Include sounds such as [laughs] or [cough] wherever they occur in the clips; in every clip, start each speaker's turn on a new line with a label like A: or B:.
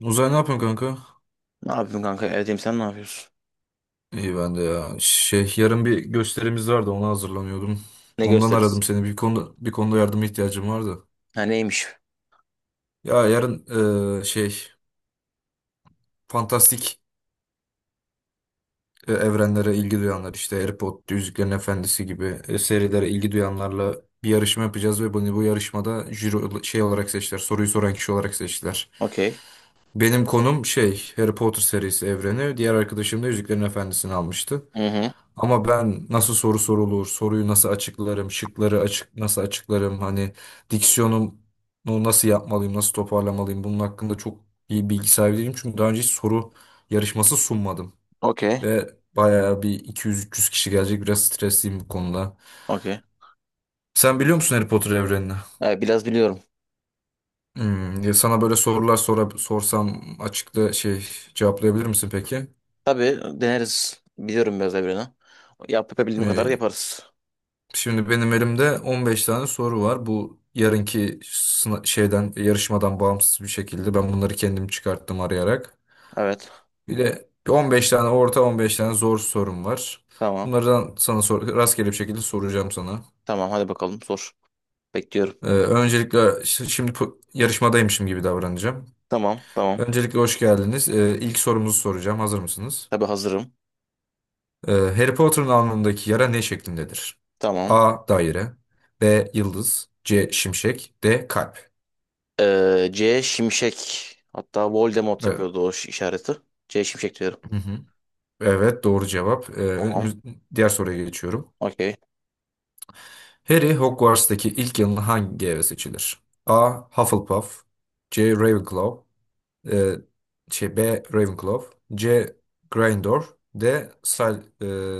A: Uzay ne yapıyorsun kanka?
B: Ne yapayım kanka, evdeyim, sen ne yapıyorsun?
A: İyi ben de ya. Yarın bir gösterimiz vardı, ona hazırlanıyordum.
B: Ne
A: Ondan
B: gösteririz?
A: aradım seni. Bir konuda yardıma ihtiyacım vardı.
B: Ha, neymiş?
A: Ya yarın eee, şey fantastik evrenlere ilgi duyanlar, işte Harry Potter, Yüzüklerin Efendisi gibi serilere ilgi duyanlarla bir yarışma yapacağız ve bunu bu yarışmada jüri olarak seçtiler. Soruyu soran kişi olarak seçtiler.
B: Okey.
A: Benim konum Harry Potter serisi evreni. Diğer arkadaşım da Yüzüklerin Efendisi'ni almıştı.
B: Hı hı.
A: Ama ben nasıl soru sorulur, soruyu nasıl açıklarım, şıkları nasıl açıklarım, hani diksiyonumu nasıl yapmalıyım, nasıl toparlamalıyım, bunun hakkında çok iyi bilgi sahibi değilim. Çünkü daha önce hiç soru yarışması sunmadım.
B: Okey.
A: Ve bayağı bir 200-300 kişi gelecek, biraz stresliyim bu konuda.
B: Okey.
A: Sen biliyor musun Harry Potter evrenini?
B: Ha, biraz biliyorum.
A: Ya sana böyle sorular sorsam açıkta cevaplayabilir misin peki?
B: Tabii deneriz. Biliyorum biraz da birini. Yapabildiğim kadar
A: Ee,
B: yaparız.
A: Şimdi benim elimde 15 tane soru var. Bu yarınki sına- şeyden yarışmadan bağımsız bir şekilde ben bunları kendim çıkarttım arayarak.
B: Evet.
A: Bir de 15 tane orta, 15 tane zor sorum var.
B: Tamam.
A: Bunlardan sana rastgele bir şekilde soracağım sana.
B: Tamam, hadi bakalım sor. Bekliyorum.
A: Öncelikle şimdi yarışmadaymışım gibi davranacağım.
B: Tamam.
A: Öncelikle hoş geldiniz. İlk sorumuzu soracağım. Hazır mısınız?
B: Tabii hazırım.
A: Harry Potter'ın alnındaki yara ne şeklindedir?
B: Tamam.
A: A. Daire, B. Yıldız, C. Şimşek, D. Kalp.
B: C Şimşek. Hatta Voldemort yapıyordu o işareti. C Şimşek diyorum.
A: Hı hı. Evet doğru cevap. Ee,
B: Tamam.
A: önümüz- diğer soruya geçiyorum.
B: Okey.
A: Harry Hogwarts'taki ilk yılın hangi eve seçilir? A. Hufflepuff, C. Ravenclaw e, şey, B. Ravenclaw, C. Gryffindor, D. Sil,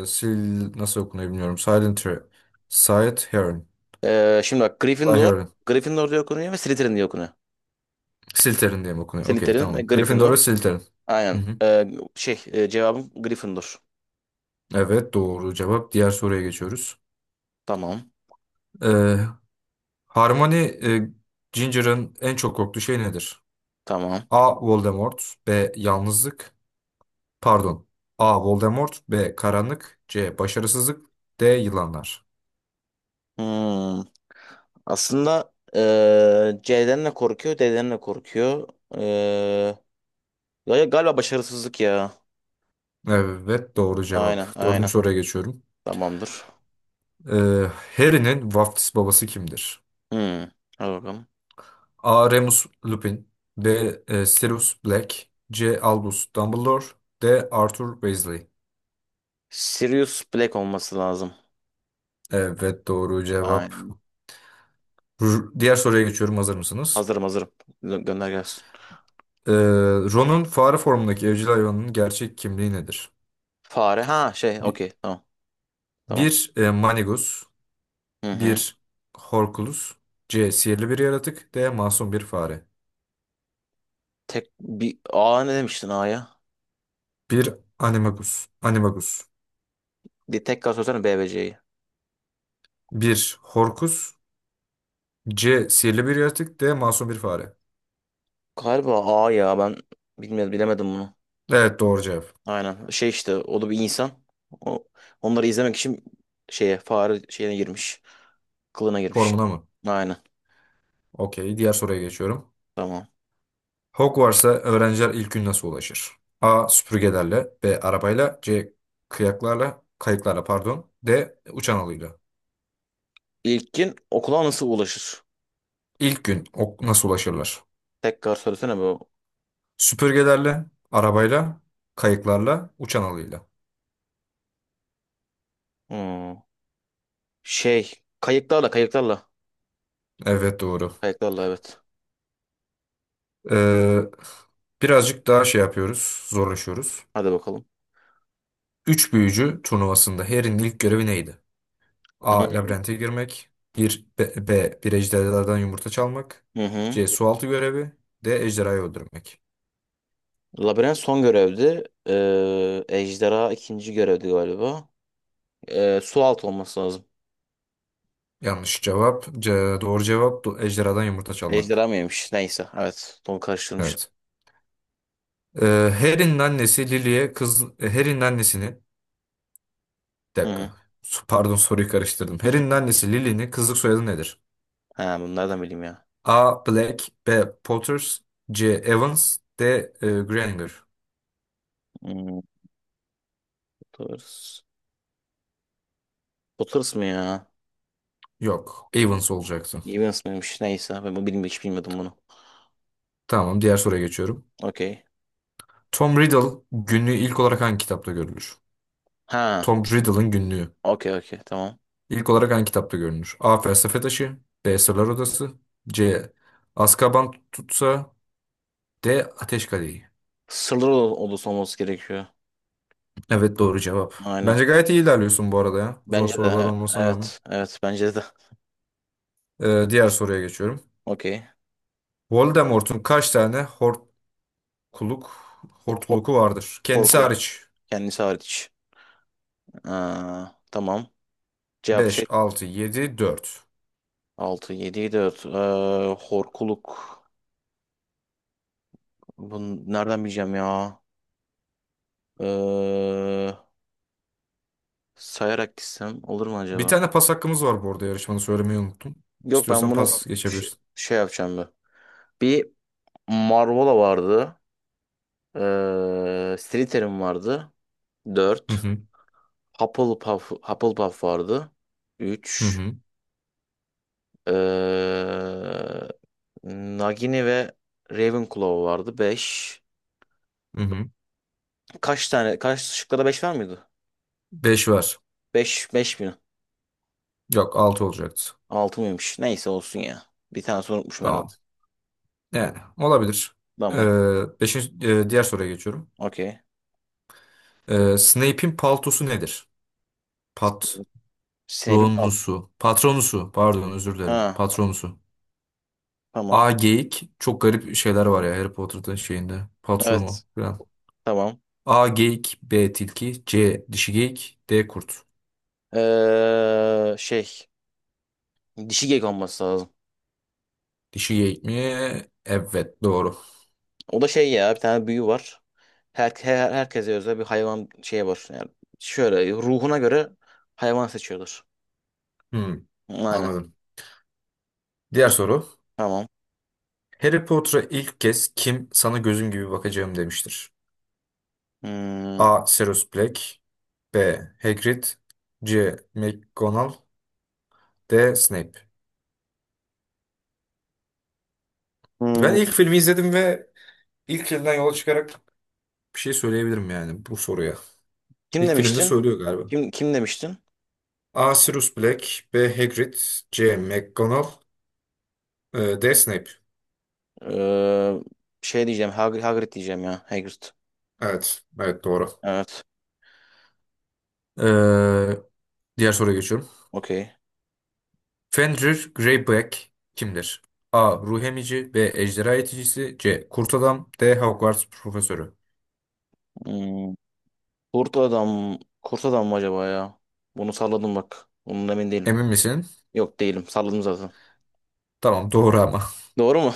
A: Sil nasıl okunuyor bilmiyorum. Silent Slytherin.
B: Şimdi bak, Gryffindor.
A: Slytherin.
B: Gryffindor diye okunuyor ve Slytherin diye okunuyor.
A: Slytherin diye mi okunuyor? Okey
B: Slytherin ve
A: tamam. Gryffindor
B: Gryffindor.
A: ve Slytherin. Hı
B: Aynen.
A: hı.
B: Cevabım Gryffindor.
A: Evet doğru cevap. Diğer soruya geçiyoruz.
B: Tamam.
A: Ee, Harmony Ginger'ın en çok korktuğu şey nedir?
B: Tamam.
A: A. Voldemort B. Yalnızlık Pardon. A. Voldemort, B. Karanlık, C. Başarısızlık, D. Yılanlar.
B: Hmm. Aslında C'den de korkuyor, D'den de korkuyor. Ee, Galiba başarısızlık ya.
A: Evet doğru cevap.
B: Aynen.
A: Dördüncü soruya geçiyorum.
B: Tamamdır.
A: Ee, Harry'nin vaftiz babası kimdir?
B: Hmm. Hadi bakalım.
A: A. Remus Lupin, B. Sirius Black, C. Albus Dumbledore, D. Arthur Weasley.
B: Sirius Black olması lazım.
A: Evet doğru cevap.
B: Aynen.
A: Diğer soruya geçiyorum. Hazır mısınız?
B: Hazırım. Gönder gelsin.
A: Ee, Ron'un fare formundaki evcil hayvanının gerçek kimliği nedir?
B: Fare. Ha şey,
A: Bi-
B: okey. Tamam. Tamam.
A: Bir, Manigus,
B: Hı hı.
A: bir Horculus, C. Sihirli bir yaratık, D. Masum bir fare.
B: Tek bir A, ne demiştin A'ya?
A: Bir Animagus,
B: Bir tekrar söylesene B ve C'yi.
A: bir Horcus, C. Sihirli bir yaratık, D. Masum bir fare.
B: Galiba A ya, ben bilemedim bunu.
A: Evet doğru cevap.
B: Aynen. Şey işte, o da bir insan. O, onları izlemek için şeye, fare şeyine girmiş. Kılığına girmiş.
A: Formuna mı?
B: Aynen.
A: Okey. Diğer soruya geçiyorum.
B: Tamam.
A: Hogwarts'a öğrenciler ilk gün nasıl ulaşır? A. Süpürgelerle, B. Arabayla, C. Kıyaklarla, kayıklarla pardon, D. Uçan alıyla.
B: İlkin okula nasıl ulaşır?
A: İlk gün nasıl ulaşırlar?
B: Tekrar söylesene bu.
A: Süpürgelerle, arabayla, kayıklarla, uçan alıyla.
B: Hmm. Şey, kayıklarla.
A: Evet doğru.
B: Kayıklarla evet.
A: Ee, birazcık daha şey yapıyoruz, zorlaşıyoruz.
B: Hadi bakalım.
A: Üç büyücü turnuvasında Harry'nin ilk görevi neydi? A.
B: Tamam.
A: Labirente girmek. Bir, B. B, Bir ejderhalardan yumurta çalmak.
B: Hı hı.
A: C. Sualtı görevi. D. Ejderhayı öldürmek.
B: Labirent son görevdi. Ejderha ikinci görevdi galiba. Su altı olması lazım.
A: Yanlış cevap. C, doğru cevap ejderhadan yumurta
B: Ejderha
A: çalmak.
B: mıymış? Neyse. Evet. Onu karıştırmışım.
A: Evet. Ee, Harry'nin annesi Lily'e kız Harry'nin annesini. Bir
B: Hı hı.
A: dakika. Pardon, soruyu karıştırdım. Harry'nin annesi Lily'nin kızlık soyadı nedir?
B: Ha, bunu nereden bileyim ya?
A: A. Black, B. Potters, C. Evans, D. Granger.
B: Hmm, bu tarz. Potters mı ya?
A: Yok. Evans olacaktı.
B: Evans mıymış? Neyse, ben bu bilmiyorum, hiç bilmiyordum bunu.
A: Tamam, diğer soruya geçiyorum.
B: Okey.
A: Tom Riddle günlüğü ilk olarak hangi kitapta görülür?
B: Ha,
A: Tom Riddle'ın günlüğü
B: okey tamam.
A: ilk olarak hangi kitapta görülür? A. Felsefe Taşı, B. Sırlar Odası, C. Azkaban Tutsa, D. Ateş Kadehi.
B: Sırlar odası olması gerekiyor.
A: Evet doğru cevap.
B: Aynen.
A: Bence gayet iyi ilerliyorsun bu arada ya. Zor
B: Bence
A: sorular
B: de
A: olmasına rağmen.
B: evet bence de.
A: Diğer soruya geçiyorum.
B: [laughs] Okey.
A: Voldemort'un kaç tane hortkuluk
B: Hop
A: hortkuluku vardır? Kendisi
B: korku
A: hariç.
B: kendisi hariç. Aa, tamam. Cevap
A: Beş,
B: şey,
A: altı, yedi, dört.
B: 6 7 4 horkuluk. Bunu nereden bileceğim ya? Ee, Sayarak gitsem olur mu
A: Bir
B: acaba?
A: tane pas hakkımız var bu arada, yarışmanı söylemeyi unuttum.
B: Yok, ben
A: İstiyorsan
B: bunu
A: pas
B: şey,
A: geçebilirsin.
B: şey yapacağım ben. Bir. Marvola vardı. Slytherin vardı.
A: Hı
B: 4.
A: hı,
B: Hufflepuff vardı.
A: hı
B: Üç.
A: hı,
B: Ee, Nagini ve Ravenclaw vardı. Beş.
A: hı hı.
B: Kaç tane? Kaç şıkkada 5 var mıydı?
A: 5 var.
B: Beş mi?
A: Yok, 6 olacaktı.
B: 6 mıymış? Neyse, olsun ya. Bir tane unutmuşum
A: Tamam.
B: herhalde.
A: Yani olabilir.
B: Tamam.
A: Diğer soruya geçiyorum.
B: Okey.
A: Snape'in paltosu nedir? Patronusu.
B: Snape'in altı.
A: Patronusu. Pardon, özür dilerim.
B: Ha,
A: Patronusu.
B: tamam.
A: A geyik. Çok garip şeyler var ya Harry Potter'da, şeyinde.
B: Evet.
A: Patronu falan.
B: Tamam.
A: A geyik, B tilki, C dişi geyik, D kurt.
B: Ee, şey. Dişi gek olması lazım.
A: Dişi geyik mi? Evet doğru.
B: O da şey ya, bir tane büyü var. Herkese özel bir hayvan şey var. Yani şöyle, ruhuna göre hayvan seçiyorlar.
A: Hmm,
B: Aynen.
A: anladım. Diğer soru.
B: Tamam.
A: Harry Potter'a ilk kez kim "sana gözüm gibi bakacağım" demiştir?
B: Hmm.
A: A. Sirius Black, B. Hagrid, C. McGonagall, D. Snape. Ben ilk
B: Hmm.
A: filmi izledim ve ilk filmden yola çıkarak bir şey söyleyebilirim yani bu soruya.
B: Kim
A: İlk filmde
B: demiştin?
A: söylüyor galiba.
B: Kim demiştin?
A: A. Sirius Black, B. Hagrid, C. McGonagall, D. Snape.
B: Ee, Hagrid diyeceğim ya. Hagrid.
A: Evet, evet doğru.
B: Evet.
A: Ee, diğer soruya geçiyorum.
B: Okey.
A: Fenrir Greyback kimdir? A. Ruh emici, B. Ejderha yeticisi, C. Kurt adam, D. Hogwarts profesörü.
B: Hmm. Kurt adam. Kurt adam mı acaba ya? Bunu salladım bak. Bunun emin değilim.
A: Emin misin?
B: Yok, değilim. Salladım zaten.
A: Tamam, doğru ama. [laughs]
B: Doğru mu?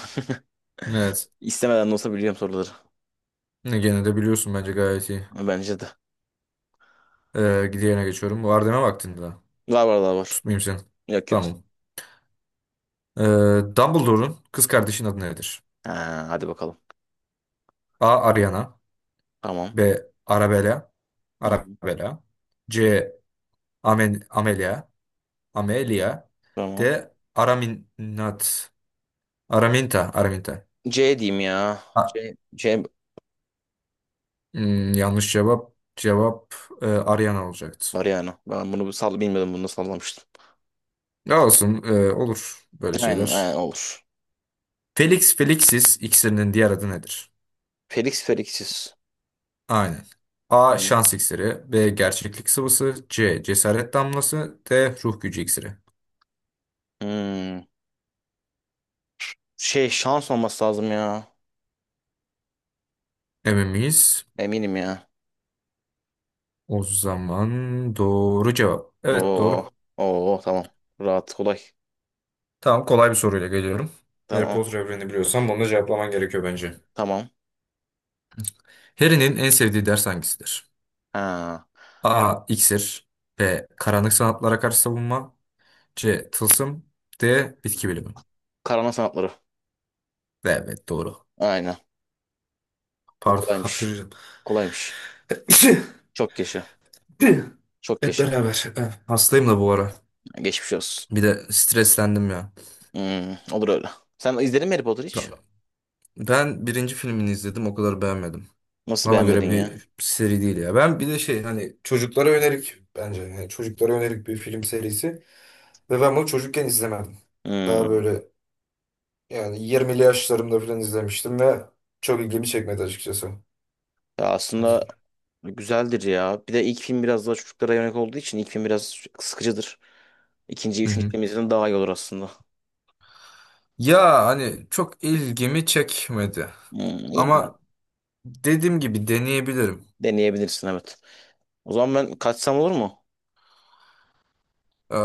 A: Evet.
B: [laughs] İstemeden de olsa biliyorum soruları.
A: Gene de biliyorsun, bence gayet iyi.
B: Bence de.
A: Diğerine geçiyorum. Var deme, vaktinde daha.
B: Var, var daha var.
A: Tutmayayım seni.
B: Yok, yok.
A: Tamam. Ee, Dumbledore'un kız kardeşinin adı nedir?
B: Ha, hadi bakalım.
A: A. Ariana,
B: Tamam.
A: B. Arabella.
B: Hı hı.
A: Arabella. C. Amelia. Amelia. D.
B: Tamam.
A: Araminat. Araminta. Araminta.
B: C diyeyim ya.
A: A-
B: C
A: yanlış cevap. Cevap Ariana olacaktı.
B: var yani. Ben bunu sal bilmiyordum, bunu sallamıştım.
A: Ya olsun. Olur böyle
B: Aynen
A: şeyler.
B: olur.
A: Felix Felixis iksirinin diğer adı nedir?
B: Felix Felix'iz.
A: Aynen. A.
B: Hı.
A: Şans iksiri. B. Gerçeklik sıvısı. C. Cesaret damlası. D. Ruh gücü iksiri.
B: Hmm. Şey, şans olması lazım ya.
A: Emin miyiz?
B: Eminim ya.
A: O zaman doğru cevap. Evet
B: Oo.
A: doğru.
B: Oo, tamam. Rahat, kolay.
A: Tamam, kolay bir soruyla geliyorum. Harry
B: Tamam.
A: Potter evrenini biliyorsan bunu da cevaplaman gerekiyor bence.
B: Tamam.
A: Harry'nin en sevdiği ders hangisidir?
B: Ha.
A: A. İksir, B. Karanlık sanatlara karşı savunma, C. Tılsım, D. Bitki bilimi.
B: Karama sanatları.
A: Evet doğru.
B: Aynen. Bu
A: Pardon, [laughs]
B: kolaymış.
A: hapşıracağım.
B: Kolaymış.
A: [coughs]
B: Çok yaşa. Çok
A: Hep
B: yaşa.
A: beraber. Hastayım da bu ara.
B: Geçmiş olsun.
A: Bir de streslendim ya.
B: Hmm, olur öyle. Sen izledin mi Harry Potter hiç?
A: Tamam. Ben birinci filmini izledim, o kadar beğenmedim.
B: Nasıl
A: Bana
B: beğenmedin
A: göre
B: ya?
A: bir seri değil ya. Ben bir de hani çocuklara yönelik, bence yani çocuklara yönelik bir film serisi. Ve ben bunu çocukken izlemedim. Daha
B: Hmm.
A: böyle, yani 20'li yaşlarımda falan izlemiştim ve çok ilgimi çekmedi açıkçası.
B: Ya aslında güzeldir ya. Bir de ilk film biraz daha çocuklara yönelik olduğu için ilk film biraz sıkıcıdır. İkinci,
A: Hı
B: üçüncü
A: hı.
B: film izlediğinde daha iyi olur aslında.
A: Ya hani çok ilgimi çekmedi.
B: Hmm, iyi mi, abi?
A: Ama dediğim gibi deneyebilirim.
B: Deneyebilirsin, evet. O zaman ben kaçsam olur mu?
A: Ee,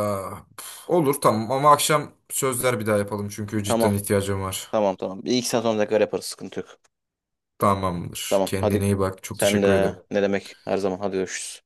A: olur tamam, ama akşam sözler bir daha yapalım, çünkü cidden
B: Tamam.
A: ihtiyacım var.
B: Tamam. Bir iki saat sonra tekrar yaparız. Sıkıntı yok.
A: Tamamdır.
B: Tamam, hadi.
A: Kendine iyi bak. Çok
B: Sen
A: teşekkür
B: de,
A: ederim.
B: ne demek, her zaman. Hadi görüşürüz.